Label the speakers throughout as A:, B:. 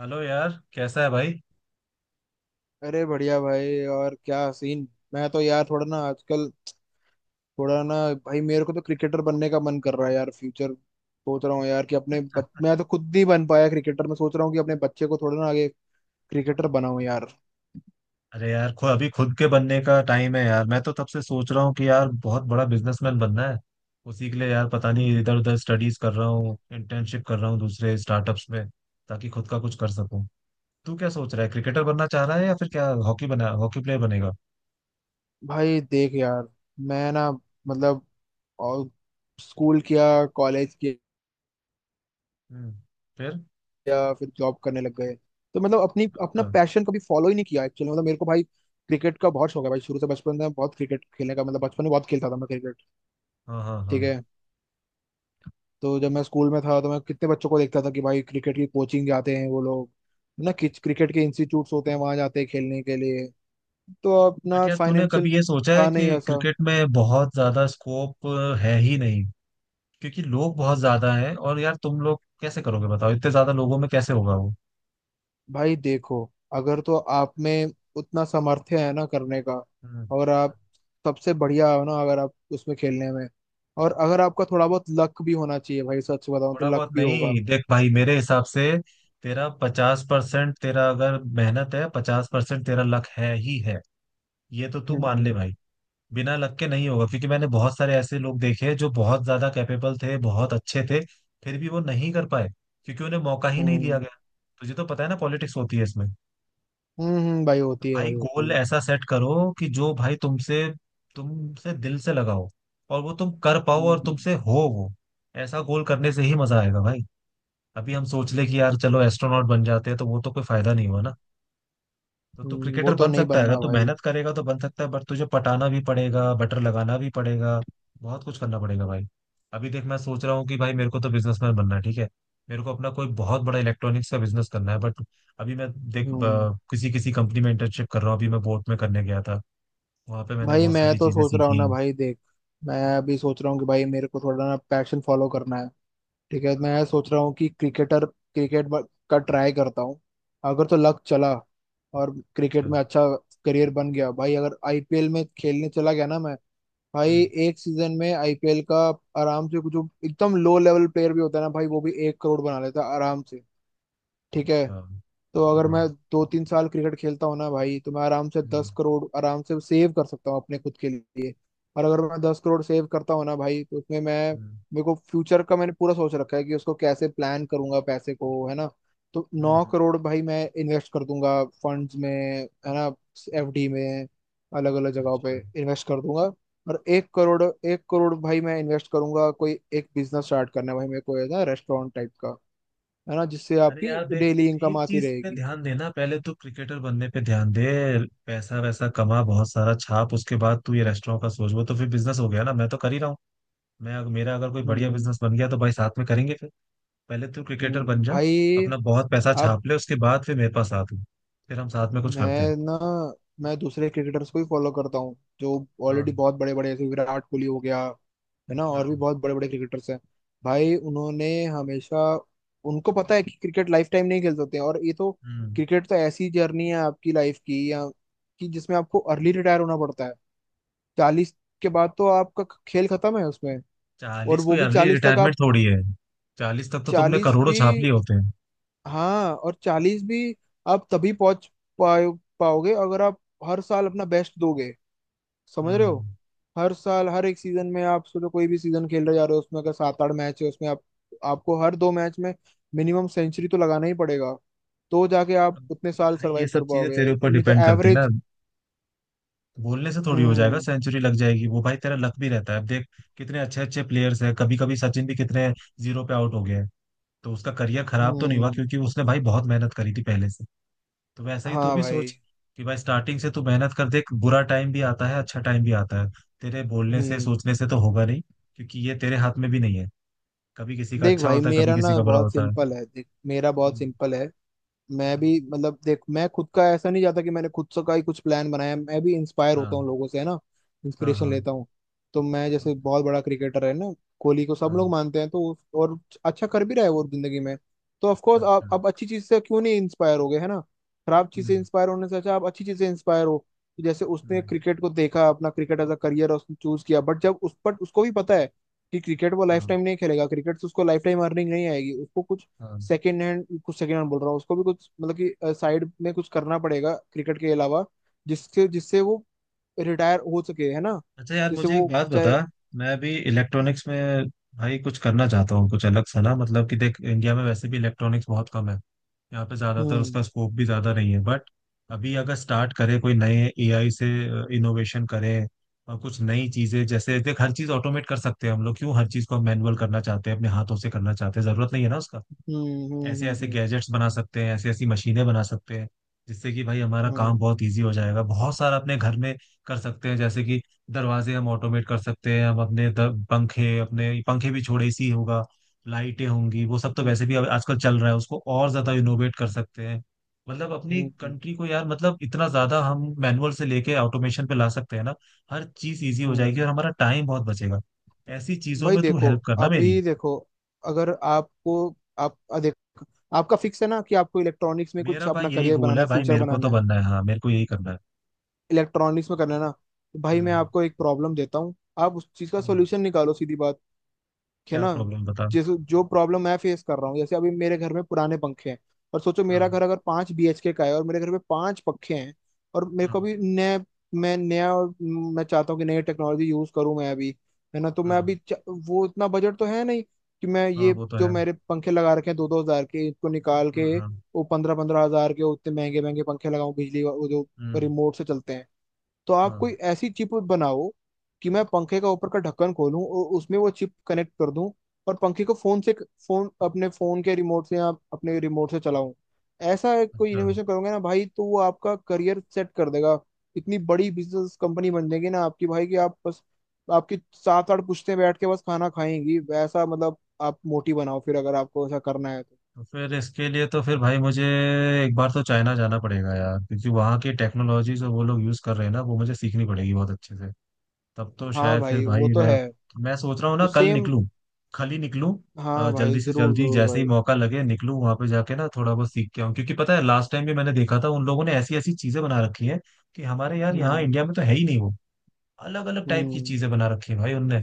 A: Hello यार, कैसा है भाई।
B: अरे बढ़िया भाई। और क्या सीन। मैं तो यार थोड़ा ना आजकल थोड़ा ना। भाई मेरे को तो क्रिकेटर बनने का मन कर रहा है यार। फ्यूचर सोच रहा हूँ यार कि अपने मैं तो खुद नहीं बन पाया क्रिकेटर। मैं सोच रहा हूँ कि अपने बच्चे को थोड़ा ना आगे क्रिकेटर बनाऊं यार।
A: अरे यार, अभी खुद के बनने का टाइम है यार। मैं तो तब से सोच रहा हूँ कि यार, बहुत बड़ा बिजनेसमैन बनना है। उसी के लिए यार, पता
B: हम्म।
A: नहीं इधर उधर स्टडीज कर रहा हूँ, इंटर्नशिप कर रहा हूँ दूसरे स्टार्टअप्स में, ताकि खुद का कुछ कर सकूँ। तू क्या सोच रहा है? क्रिकेटर बनना चाह रहा है या फिर क्या हॉकी बना, हॉकी प्लेयर बनेगा?
B: भाई देख यार। मैं ना, मतलब, और स्कूल किया, कॉलेज
A: हम्म। फिर?
B: किया, फिर जॉब करने लग गए। तो मतलब अपनी अपना पैशन कभी फॉलो ही नहीं किया एक्चुअली। मतलब मेरे को भाई क्रिकेट का बहुत शौक है भाई। शुरू से, बचपन में बहुत क्रिकेट खेलने का मतलब बचपन में बहुत खेलता था मैं क्रिकेट।
A: हाँ, हाँ, हाँ।
B: ठीक है। तो जब मैं स्कूल में था तो मैं कितने बच्चों को देखता था कि भाई क्रिकेट की कोचिंग जाते हैं वो लोग है ना। कि क्रिकेट के इंस्टीट्यूट्स होते हैं, वहां जाते हैं खेलने के लिए। तो
A: बट
B: अपना
A: यार, तूने
B: फाइनेंशियल
A: कभी ये सोचा है
B: था नहीं
A: कि
B: वैसा।
A: क्रिकेट में बहुत ज्यादा स्कोप है ही नहीं। क्योंकि लोग बहुत ज्यादा हैं, और यार तुम लोग कैसे करोगे? बताओ, इतने ज्यादा लोगों में कैसे होगा वो?
B: भाई देखो, अगर तो आप में उतना सामर्थ्य है ना करने का,
A: हम्म।
B: और आप सबसे बढ़िया हो ना अगर आप उसमें खेलने में, और अगर आपका थोड़ा बहुत लक भी होना चाहिए भाई, सच बताऊं तो
A: थोड़ा बहुत
B: लक भी होगा।
A: नहीं, देख भाई, मेरे हिसाब से तेरा 50%, तेरा अगर मेहनत है, 50% तेरा लक है ही है। ये तो तू मान ले
B: हम्म।
A: भाई। बिना लक के नहीं होगा, क्योंकि मैंने बहुत सारे ऐसे लोग देखे हैं जो बहुत ज्यादा कैपेबल थे, बहुत अच्छे थे। फिर भी वो नहीं कर पाए, क्योंकि उन्हें मौका ही नहीं दिया
B: हम्म।
A: गया। तुझे तो पता है ना, पॉलिटिक्स होती है इसमें।
B: हम्म। भाई होती है,
A: भाई,
B: भाई होती
A: गोल
B: है।
A: ऐसा सेट करो कि जो भाई तुमसे तुमसे दिल से लगा हो, और वो तुम कर पाओ और
B: हम्म।
A: तुमसे हो वो। ऐसा गोल करने से ही मजा आएगा भाई। अभी हम सोच ले कि यार चलो एस्ट्रोनॉट बन जाते हैं, तो वो तो कोई फायदा नहीं हुआ ना। तो तू
B: वो
A: क्रिकेटर
B: तो
A: बन
B: नहीं
A: सकता है, अगर
B: बनना
A: तू
B: भाई।
A: मेहनत करेगा तो बन सकता है, बट तुझे पटाना भी पड़ेगा, बटर लगाना भी पड़ेगा। बहुत कुछ करना पड़ेगा भाई। अभी देख, मैं सोच रहा हूँ कि भाई मेरे को तो बिजनेसमैन बनना है, ठीक है। मेरे को अपना कोई बहुत बड़ा इलेक्ट्रॉनिक्स का बिजनेस करना है, बट अभी मैं देख,
B: हम्म।
A: किसी किसी कंपनी में इंटर्नशिप कर रहा हूँ। अभी मैं बोट में करने गया था। वहां पे मैंने
B: भाई
A: बहुत
B: मैं
A: सारी
B: तो
A: चीजें
B: सोच रहा हूँ
A: सीखी।
B: ना भाई, देख, मैं अभी सोच रहा हूँ कि भाई मेरे को थोड़ा ना पैशन फॉलो करना है। ठीक है, मैं सोच रहा हूँ कि क्रिकेट का ट्राई करता हूँ। अगर तो लक चला और क्रिकेट
A: अच्छा।
B: में अच्छा करियर बन गया भाई, अगर आईपीएल में खेलने चला गया ना मैं, भाई
A: हम्म।
B: एक सीजन में आईपीएल का आराम से, कुछ जो एकदम लो लेवल प्लेयर भी होता है ना भाई, वो भी 1 करोड़ बना लेता है आराम से। ठीक है।
A: अच्छा। हाँ।
B: तो अगर मैं दो तीन साल क्रिकेट खेलता हूँ ना भाई, तो मैं आराम से
A: हम्म,
B: 10 करोड़ आराम से सेव कर सकता हूँ अपने खुद के लिए। और अगर मैं 10 करोड़ सेव करता हूँ ना भाई, तो उसमें मैं,
A: हम्म,
B: मेरे को फ्यूचर का मैंने पूरा सोच रखा है कि उसको कैसे प्लान करूंगा पैसे को, है ना। तो नौ
A: हम्म।
B: करोड़ भाई मैं इन्वेस्ट कर दूंगा फंड्स में, है ना, एफडी में, अलग अलग जगहों पे
A: अच्छा।
B: इन्वेस्ट कर दूंगा। और 1-1 करोड़ भाई मैं इन्वेस्ट करूंगा, कोई एक बिजनेस स्टार्ट करना है भाई मेरे को, है ना, रेस्टोरेंट टाइप का, है ना, जिससे
A: अरे
B: आपकी
A: यार देख,
B: डेली इनकम
A: एक
B: आती
A: चीज पे
B: रहेगी।
A: ध्यान देना, पहले तू क्रिकेटर बनने पे ध्यान दे। पैसा वैसा कमा, बहुत सारा छाप, उसके बाद तू ये रेस्टोरेंट का सोच। वो तो फिर बिजनेस हो गया ना, मैं तो कर ही रहा हूँ। मैं अगर- मेरा अगर कोई बढ़िया
B: हम्म,
A: बिजनेस बन गया तो भाई साथ में करेंगे फिर। पहले तू क्रिकेटर बन जा।
B: भाई,
A: अपना बहुत पैसा
B: अब
A: छाप ले, उसके बाद फिर मेरे पास आ तू। फिर हम साथ में कुछ करते हैं।
B: मैं ना, मैं दूसरे क्रिकेटर्स को भी फॉलो करता हूँ जो
A: हाँ,
B: ऑलरेडी बहुत बड़े बड़े, जैसे विराट कोहली हो गया, है ना, और भी
A: हाँ।
B: बहुत बड़े बड़े क्रिकेटर्स हैं भाई। उन्होंने हमेशा, उनको पता है कि क्रिकेट लाइफ टाइम नहीं खेल सकते हैं। और ये तो,
A: हम्म।
B: क्रिकेट तो ऐसी जर्नी है आपकी लाइफ की, या कि जिसमें आपको अर्ली रिटायर होना पड़ता है। 40 के बाद तो आपका खेल खत्म है उसमें। और
A: 40
B: वो
A: कोई
B: भी
A: अर्ली
B: 40 तक
A: रिटायरमेंट
B: आप,
A: थोड़ी है। 40 तक तो तुमने
B: चालीस
A: करोड़ों
B: भी
A: छाप लिए होते हैं।
B: हाँ और 40 भी आप तभी पहुंच पाओ, पाओगे अगर आप हर साल अपना बेस्ट दोगे। समझ रहे हो।
A: हम्म।
B: हर साल, हर एक सीजन में आप सोचो कोई भी सीजन खेल रहे जा रहे हो उसमें, अगर सात आठ मैच है उसमें, आप आपको हर 2 मैच में मिनिमम सेंचुरी तो लगाना ही पड़ेगा। तो जाके आप
A: अब
B: उतने साल
A: भाई, ये
B: सरवाइव
A: सब
B: कर
A: चीजें
B: पाओगे,
A: तेरे ऊपर
B: नहीं तो
A: डिपेंड करती है ना।
B: एवरेज।
A: बोलने से थोड़ी हो जाएगा,
B: हम्म।
A: सेंचुरी लग जाएगी वो, भाई तेरा लक भी रहता है। अब देख, कितने अच्छे अच्छे प्लेयर्स हैं, कभी कभी सचिन भी कितने 0 पे आउट हो गए हैं। तो उसका करियर खराब तो नहीं हुआ,
B: हम्म।
A: क्योंकि उसने भाई बहुत मेहनत करी थी पहले से। तो वैसा ही तू
B: हाँ
A: भी
B: भाई।
A: सोच। कि भाई, स्टार्टिंग से तू मेहनत कर, देख बुरा टाइम भी आता है, अच्छा टाइम भी आता है। तेरे बोलने से,
B: हम्म।
A: सोचने से तो होगा नहीं। क्योंकि ये तेरे हाथ में भी नहीं है। कभी किसी का
B: देख
A: अच्छा
B: भाई
A: होता है, कभी
B: मेरा
A: किसी
B: ना
A: का बुरा
B: बहुत
A: होता है।
B: सिंपल है, देख मेरा बहुत
A: हम्म,
B: सिंपल है। मैं
A: हम्म।
B: भी, मतलब, देख, मैं खुद का ऐसा नहीं जाता कि मैंने खुद से का ही कुछ प्लान बनाया, मैं भी इंस्पायर
A: हाँ,
B: होता हूँ लोगों से, है ना,
A: हाँ,
B: इंस्पिरेशन
A: हाँ,
B: लेता हूँ। तो मैं, जैसे बहुत बड़ा क्रिकेटर है ना, कोहली को सब
A: हाँ।
B: लोग मानते हैं, तो और अच्छा कर भी रहा है वो जिंदगी में। तो ऑफ कोर्स, आप
A: अच्छा।
B: आप अच्छी चीज से क्यों नहीं इंस्पायर हो गए, है ना। खराब चीज से
A: हम्म,
B: इंस्पायर होने से अच्छा आप अच्छी चीज से इंस्पायर हो। तो जैसे उसने
A: हम्म।
B: क्रिकेट को देखा, अपना क्रिकेट एज अ करियर उसने चूज किया, बट जब उस पर, उसको भी पता है कि क्रिकेट वो लाइफ
A: हाँ,
B: टाइम नहीं खेलेगा, क्रिकेट से उसको लाइफ टाइम अर्निंग नहीं आएगी, उसको कुछ
A: हाँ।
B: सेकेंड हैंड, कुछ सेकेंड हैंड बोल रहा हूँ, उसको भी कुछ मतलब कि साइड में कुछ करना पड़ेगा क्रिकेट के अलावा, जिसके जिससे वो रिटायर हो सके, है ना,
A: अच्छा यार,
B: जिससे
A: मुझे एक
B: वो
A: बात बता।
B: चाहे।
A: मैं अभी इलेक्ट्रॉनिक्स में भाई कुछ करना चाहता हूँ, कुछ अलग सा ना। मतलब कि देख, इंडिया में वैसे भी इलेक्ट्रॉनिक्स बहुत कम है। यहाँ पे ज़्यादातर
B: हम्म।
A: उसका स्कोप भी ज़्यादा नहीं है, बट अभी अगर स्टार्ट करें कोई नए एआई से इनोवेशन करें और कुछ नई चीज़ें। जैसे देख, हर चीज़ ऑटोमेट कर सकते हैं हम लोग, क्यों हर चीज़ को मैनुअल करना चाहते हैं, अपने हाथों से करना चाहते हैं? ज़रूरत नहीं है ना उसका।
B: हम्म।
A: ऐसे ऐसे
B: हम्म।
A: गैजेट्स बना सकते हैं, ऐसी ऐसी मशीनें बना सकते हैं, जिससे कि भाई हमारा
B: हम्म।
A: काम
B: हम्म।
A: बहुत इजी हो जाएगा, बहुत सारा अपने घर में कर सकते हैं। जैसे कि दरवाजे हम ऑटोमेट कर सकते हैं, हम अपने पंखे, अपने पंखे भी छोड़े सी होगा, लाइटें होंगी, वो सब तो वैसे भी
B: हम्म।
A: अब आजकल चल रहा है, उसको और ज्यादा इनोवेट कर सकते हैं। मतलब अपनी
B: हम्म।
A: कंट्री को यार, मतलब इतना ज्यादा हम मैनुअल से लेके ऑटोमेशन पे ला सकते हैं ना। हर चीज इजी हो जाएगी
B: हम्म।
A: और हमारा टाइम बहुत बचेगा। ऐसी चीजों
B: भाई
A: में तू
B: देखो,
A: हेल्प करना मेरी।
B: अभी देखो, अगर आपको, देख, आपका फिक्स है ना कि आपको इलेक्ट्रॉनिक्स में
A: मेरा
B: कुछ
A: भाई
B: अपना
A: यही
B: करियर
A: गोल
B: बनाना
A: है,
B: है,
A: भाई
B: फ्यूचर
A: मेरे को
B: बनाना
A: तो
B: है,
A: बनना है। हाँ, मेरे को यही करना है।
B: इलेक्ट्रॉनिक्स में करना है ना। तो भाई मैं
A: हम्म,
B: आपको एक प्रॉब्लम देता हूँ, आप उस चीज का
A: हम्म।
B: सोल्यूशन निकालो, सीधी बात, कि है
A: क्या
B: ना,
A: प्रॉब्लम बता।
B: जैसे जो प्रॉब्लम मैं फेस कर रहा हूँ, जैसे अभी मेरे घर में पुराने पंखे हैं। और सोचो मेरा
A: हाँ,
B: घर अगर 5 बीएचके का है और मेरे घर में पांच पंखे हैं, और मेरे को
A: हाँ,
B: भी नए, मैं नया, और मैं चाहता हूँ कि नई टेक्नोलॉजी यूज करूँ मैं अभी, है ना, तो मैं अभी
A: हाँ,
B: वो, इतना बजट तो है नहीं कि मैं
A: हाँ।
B: ये
A: वो तो
B: जो
A: है।
B: मेरे पंखे लगा रखे हैं 2-2 हजार के इनको निकाल के
A: हम्म। हाँ।
B: वो 15-15 हजार के उतने महंगे महंगे पंखे लगाऊं, वो जो
A: हम्म।
B: रिमोट से चलते हैं। तो आप
A: हाँ।
B: कोई ऐसी चिप बनाओ कि मैं पंखे का ऊपर का ढक्कन खोलूं और उसमें वो चिप कनेक्ट कर दूं, और पंखे को फोन से, फोन, अपने फोन के रिमोट से, या अपने रिमोट से चलाऊं। ऐसा एक कोई
A: अच्छा।
B: इनोवेशन करोगे ना भाई तो वो आपका करियर सेट कर देगा। इतनी बड़ी बिजनेस कंपनी बन जाएगी ना आपकी भाई कि आप बस, आपकी सात आठ पुश्तें बैठ के बस खाना खाएंगी, वैसा मतलब आप मोटी बनाओ फिर अगर आपको ऐसा करना है तो।
A: तो फिर इसके लिए तो फिर भाई, मुझे एक बार तो चाइना जाना पड़ेगा यार, क्योंकि वहाँ की टेक्नोलॉजी जो वो लोग यूज़ कर रहे हैं ना, वो मुझे सीखनी पड़ेगी बहुत अच्छे से। तब तो
B: हाँ
A: शायद फिर
B: भाई
A: भाई,
B: वो तो
A: मैं
B: है,
A: मैं सोच रहा हूँ ना,
B: तो
A: कल
B: सेम।
A: निकलूं। कल ही निकलूं।
B: हाँ भाई,
A: जल्दी से
B: जरूर
A: जल्दी
B: जरूर
A: जैसे ही
B: भाई।
A: मौका लगे निकलूं, वहां पे जाके ना थोड़ा बहुत सीख के आऊं। क्योंकि पता है, लास्ट टाइम भी मैंने देखा था उन लोगों ने ऐसी ऐसी चीजें बना रखी है। कि हमारे यार यहाँ
B: हम्म।
A: इंडिया में तो है ही नहीं वो। अलग अलग टाइप की
B: हम्म।
A: चीजें बना रखी है भाई उनने।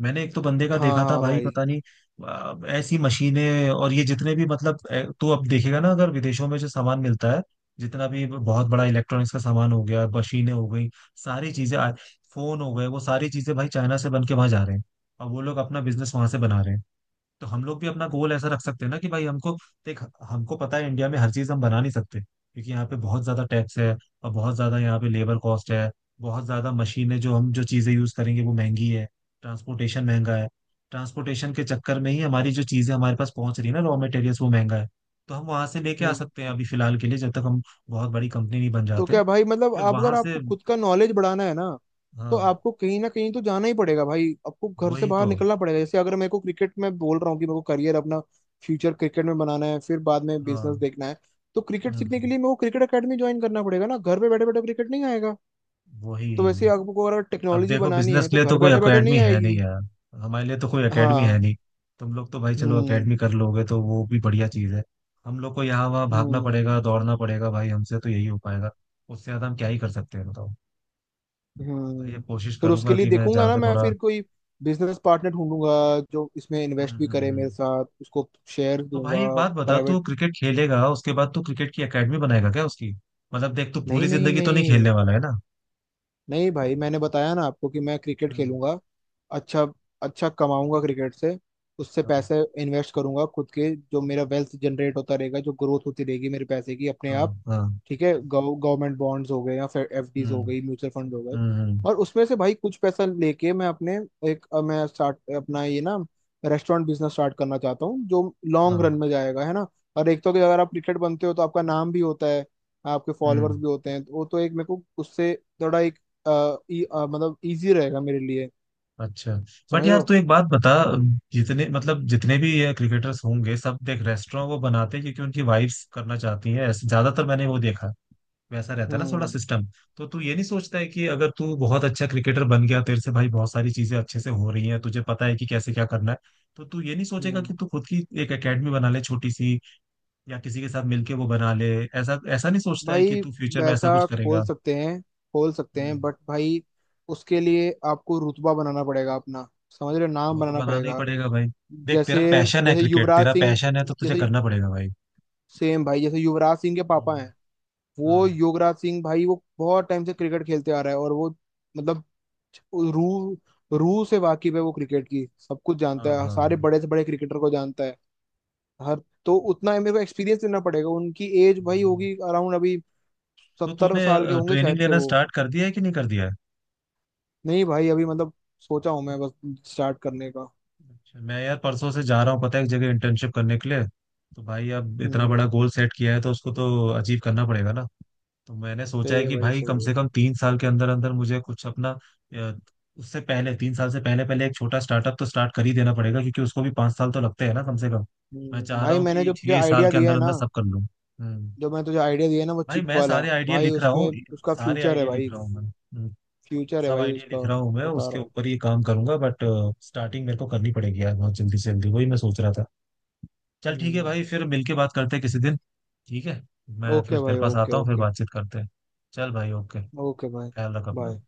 A: मैंने एक तो बंदे का
B: हाँ
A: देखा था
B: हाँ
A: भाई,
B: भाई।
A: पता नहीं। ऐसी मशीनें और ये जितने भी, मतलब तो अब देखेगा ना, अगर विदेशों में जो सामान मिलता है, जितना भी बहुत बड़ा इलेक्ट्रॉनिक्स का सामान हो गया, मशीनें हो गई, सारी चीजें, फोन हो गए, वो सारी चीजें भाई चाइना से बन के वहां जा रहे हैं। और वो लोग अपना बिजनेस वहां से बना रहे हैं। तो हम लोग भी अपना गोल ऐसा रख सकते हैं ना, कि भाई हमको देख, हमको पता है इंडिया में हर चीज हम बना नहीं सकते, क्योंकि यहाँ पे बहुत ज्यादा टैक्स है। और बहुत ज्यादा यहाँ पे लेबर कॉस्ट है। बहुत ज्यादा मशीनें, जो हम जो चीजें यूज करेंगे वो महंगी है। ट्रांसपोर्टेशन महंगा है। ट्रांसपोर्टेशन के चक्कर में ही हमारी जो चीजें हमारे पास पहुंच रही है ना, रॉ मटेरियल्स, वो महंगा है। तो हम वहां से लेके
B: हम्म।
A: आ सकते हैं
B: हम्म।
A: अभी फिलहाल के लिए, जब तक हम बहुत बड़ी कंपनी नहीं बन
B: तो
A: जाते।
B: क्या भाई, मतलब,
A: फिर
B: आप,
A: वहां
B: अगर
A: से।
B: आपको खुद का नॉलेज बढ़ाना है ना, तो
A: हाँ।
B: आपको कहीं ना कहीं तो जाना ही पड़ेगा भाई, आपको घर से
A: वही
B: बाहर
A: तो।
B: निकलना पड़ेगा। जैसे अगर मेरे को, क्रिकेट में बोल रहा हूँ कि मेरे को करियर अपना, फ्यूचर क्रिकेट में बनाना है, फिर बाद में
A: हाँ।
B: बिजनेस देखना है, तो क्रिकेट सीखने के
A: हम्म।
B: लिए मेरे को क्रिकेट एकेडमी ज्वाइन करना पड़ेगा ना, घर पे बैठे बैठे क्रिकेट नहीं आएगा।
A: वही।
B: तो वैसे आपको अगर
A: अब
B: टेक्नोलॉजी
A: देखो,
B: बनानी
A: बिजनेस
B: है
A: के
B: तो
A: लिए तो
B: घर
A: कोई
B: बैठे बैठे
A: एकेडमी
B: नहीं
A: है नहीं
B: आएगी।
A: यार। हमारे लिए तो कोई एकेडमी है
B: हाँ।
A: नहीं। तुम लोग तो भाई चलो
B: हम्म।
A: एकेडमी कर लोगे, तो वो भी बढ़िया चीज़ है। हम लोग को यहाँ वहाँ भागना
B: हम्म।
A: पड़ेगा, दौड़ना पड़ेगा, भाई हमसे तो यही हो पाएगा। उससे ज़्यादा हम क्या ही कर सकते हैं, बताओ। भाई, ये
B: हम्म।
A: कोशिश
B: फिर उसके
A: करूंगा
B: लिए
A: कि मैं
B: देखूंगा ना
A: जाकर
B: मैं,
A: थोड़ा।
B: फिर कोई बिजनेस पार्टनर ढूंढूंगा जो इसमें इन्वेस्ट
A: हम्म,
B: भी
A: हम्म,
B: करे मेरे साथ, उसको शेयर
A: तो
B: दूंगा।
A: भाई, एक बात बता, तू
B: प्राइवेट।
A: क्रिकेट खेलेगा उसके बाद तू क्रिकेट की एकेडमी बनाएगा क्या? उसकी, मतलब देख, तू
B: नहीं
A: पूरी
B: नहीं
A: जिंदगी तो नहीं
B: नहीं।
A: खेलने वाला है ना।
B: नहीं भाई, मैंने बताया ना आपको कि मैं क्रिकेट
A: हम्म।
B: खेलूंगा, अच्छा अच्छा कमाऊंगा क्रिकेट से, उससे
A: हाँ,
B: पैसे इन्वेस्ट करूंगा खुद के, जो मेरा वेल्थ जनरेट होता रहेगा, जो ग्रोथ होती रहेगी मेरे पैसे की अपने
A: हाँ,
B: आप,
A: हाँ।
B: ठीक है, गवर्नमेंट बॉन्ड्स हो गए, या फिर एफडीज हो
A: हम्म,
B: गई, म्यूचुअल फंड हो गए।
A: हम्म, हम्म।
B: और उसमें से भाई कुछ पैसा लेके मैं अपने, एक मैं स्टार्ट अपना ये ना, रेस्टोरेंट बिजनेस स्टार्ट करना चाहता हूँ जो लॉन्ग रन
A: हाँ।
B: में जाएगा, है ना। और एक तो कि अगर आप क्रिकेट बनते हो तो आपका नाम भी होता है, आपके
A: हम्म।
B: फॉलोअर्स भी होते हैं, तो वो तो एक, मेरे को उससे थोड़ा, मतलब, इजी रहेगा मेरे लिए।
A: अच्छा। बट
B: समझ रहे
A: यार,
B: हो।
A: तू एक बात बता। जितने, मतलब, जितने भी ये क्रिकेटर्स होंगे, सब देख रेस्टोरेंट वो बनाते हैं, क्योंकि उनकी वाइफ्स करना चाहती हैं, ऐसे ज्यादातर मैंने वो देखा। वैसा रहता है ना थोड़ा
B: हम्म।
A: सिस्टम। तो तू ये नहीं सोचता है कि अगर तू बहुत अच्छा क्रिकेटर बन गया, तेरे से भाई बहुत सारी चीजें अच्छे से हो रही हैं, तुझे पता है कि कैसे क्या करना है। तो तू ये नहीं सोचेगा
B: हम्म।
A: कि तू खुद की एक एकेडमी बना ले, छोटी सी, या किसी के साथ मिलके वो बना ले? ऐसा ऐसा नहीं सोचता है कि
B: भाई
A: तू फ्यूचर में ऐसा
B: वैसा
A: कुछ
B: खोल
A: करेगा?
B: सकते हैं, खोल सकते
A: हम्म।
B: हैं बट भाई उसके लिए आपको रुतबा बनाना पड़ेगा अपना, समझ रहे हो, नाम
A: वो तो
B: बनाना
A: बनाना ही
B: पड़ेगा।
A: पड़ेगा भाई। देख,
B: जैसे
A: तेरा पैशन है
B: जैसे
A: क्रिकेट,
B: युवराज
A: तेरा
B: सिंह,
A: पैशन है तो तुझे
B: जैसे,
A: करना पड़ेगा भाई।
B: सेम भाई, जैसे युवराज सिंह के पापा
A: हम्म।
B: हैं,
A: हाँ,
B: वो युवराज सिंह भाई वो बहुत टाइम से क्रिकेट खेलते आ रहा है, और वो, मतलब, रू, रू से वाकिफ है, वो क्रिकेट की सब कुछ
A: हाँ,
B: जानता है,
A: हाँ,
B: सारे
A: हाँ।
B: बड़े से बड़े क्रिकेटर को जानता है, हर, तो उतना मेरे को एक्सपीरियंस देना पड़ेगा। उनकी एज भाई
A: हम्म।
B: होगी अराउंड अभी
A: तो
B: सत्तर
A: तूने
B: साल के होंगे
A: ट्रेनिंग
B: शायद से
A: लेना
B: वो।
A: स्टार्ट कर दिया है कि नहीं कर दिया है?
B: नहीं भाई, अभी मतलब सोचा हूँ मैं बस स्टार्ट करने का।
A: अच्छा, मैं यार परसों से जा रहा हूँ, पता है? एक जगह इंटर्नशिप करने के लिए। तो भाई अब इतना
B: हम्म।
A: बड़ा गोल सेट किया है, तो उसको तो अचीव करना पड़ेगा ना। तो मैंने सोचा
B: सही
A: है
B: है
A: कि
B: भाई,
A: भाई
B: सही
A: कम से
B: है।
A: कम 3 साल के अंदर अंदर मुझे कुछ अपना। अ, उससे पहले, 3 साल से पहले पहले एक छोटा स्टार्टअप तो स्टार्ट कर ही देना पड़ेगा, क्योंकि उसको भी 5 साल तो लगते हैं ना, कम से कम। मैं
B: हम्म।
A: चाह रहा
B: भाई
A: हूँ
B: मैंने
A: कि
B: जो तुझे
A: 6 साल
B: आइडिया
A: के
B: दिया
A: अंदर
B: है ना,
A: अंदर सब कर लूँ। हम्म।
B: जो मैं तुझे आइडिया दिया है ना, वो
A: भाई,
B: चिप
A: मैं
B: वाला,
A: सारे आइडिया
B: भाई
A: लिख रहा हूँ।
B: उसमें, उसका
A: सारे
B: फ्यूचर है
A: आइडिया लिख
B: भाई,
A: रहा हूँ मैं। हम्म।
B: फ्यूचर है
A: सब
B: भाई
A: आइडिया
B: उसका,
A: लिख रहा हूँ मैं,
B: बता रहा
A: उसके
B: हूँ।
A: ऊपर ही काम करूंगा, बट स्टार्टिंग मेरे को करनी पड़ेगी यार बहुत जल्दी से जल्दी, वही मैं सोच रहा था। चल ठीक है
B: हम्म।
A: भाई, फिर मिलके बात करते हैं किसी दिन। ठीक है। मैं
B: ओके
A: फिर तेरे
B: भाई,
A: पास
B: ओके
A: आता हूँ, फिर
B: ओके।
A: बातचीत करते हैं। चल भाई, ओके।
B: ओके भाई।
A: ख्याल रख
B: बाय।
A: अपना।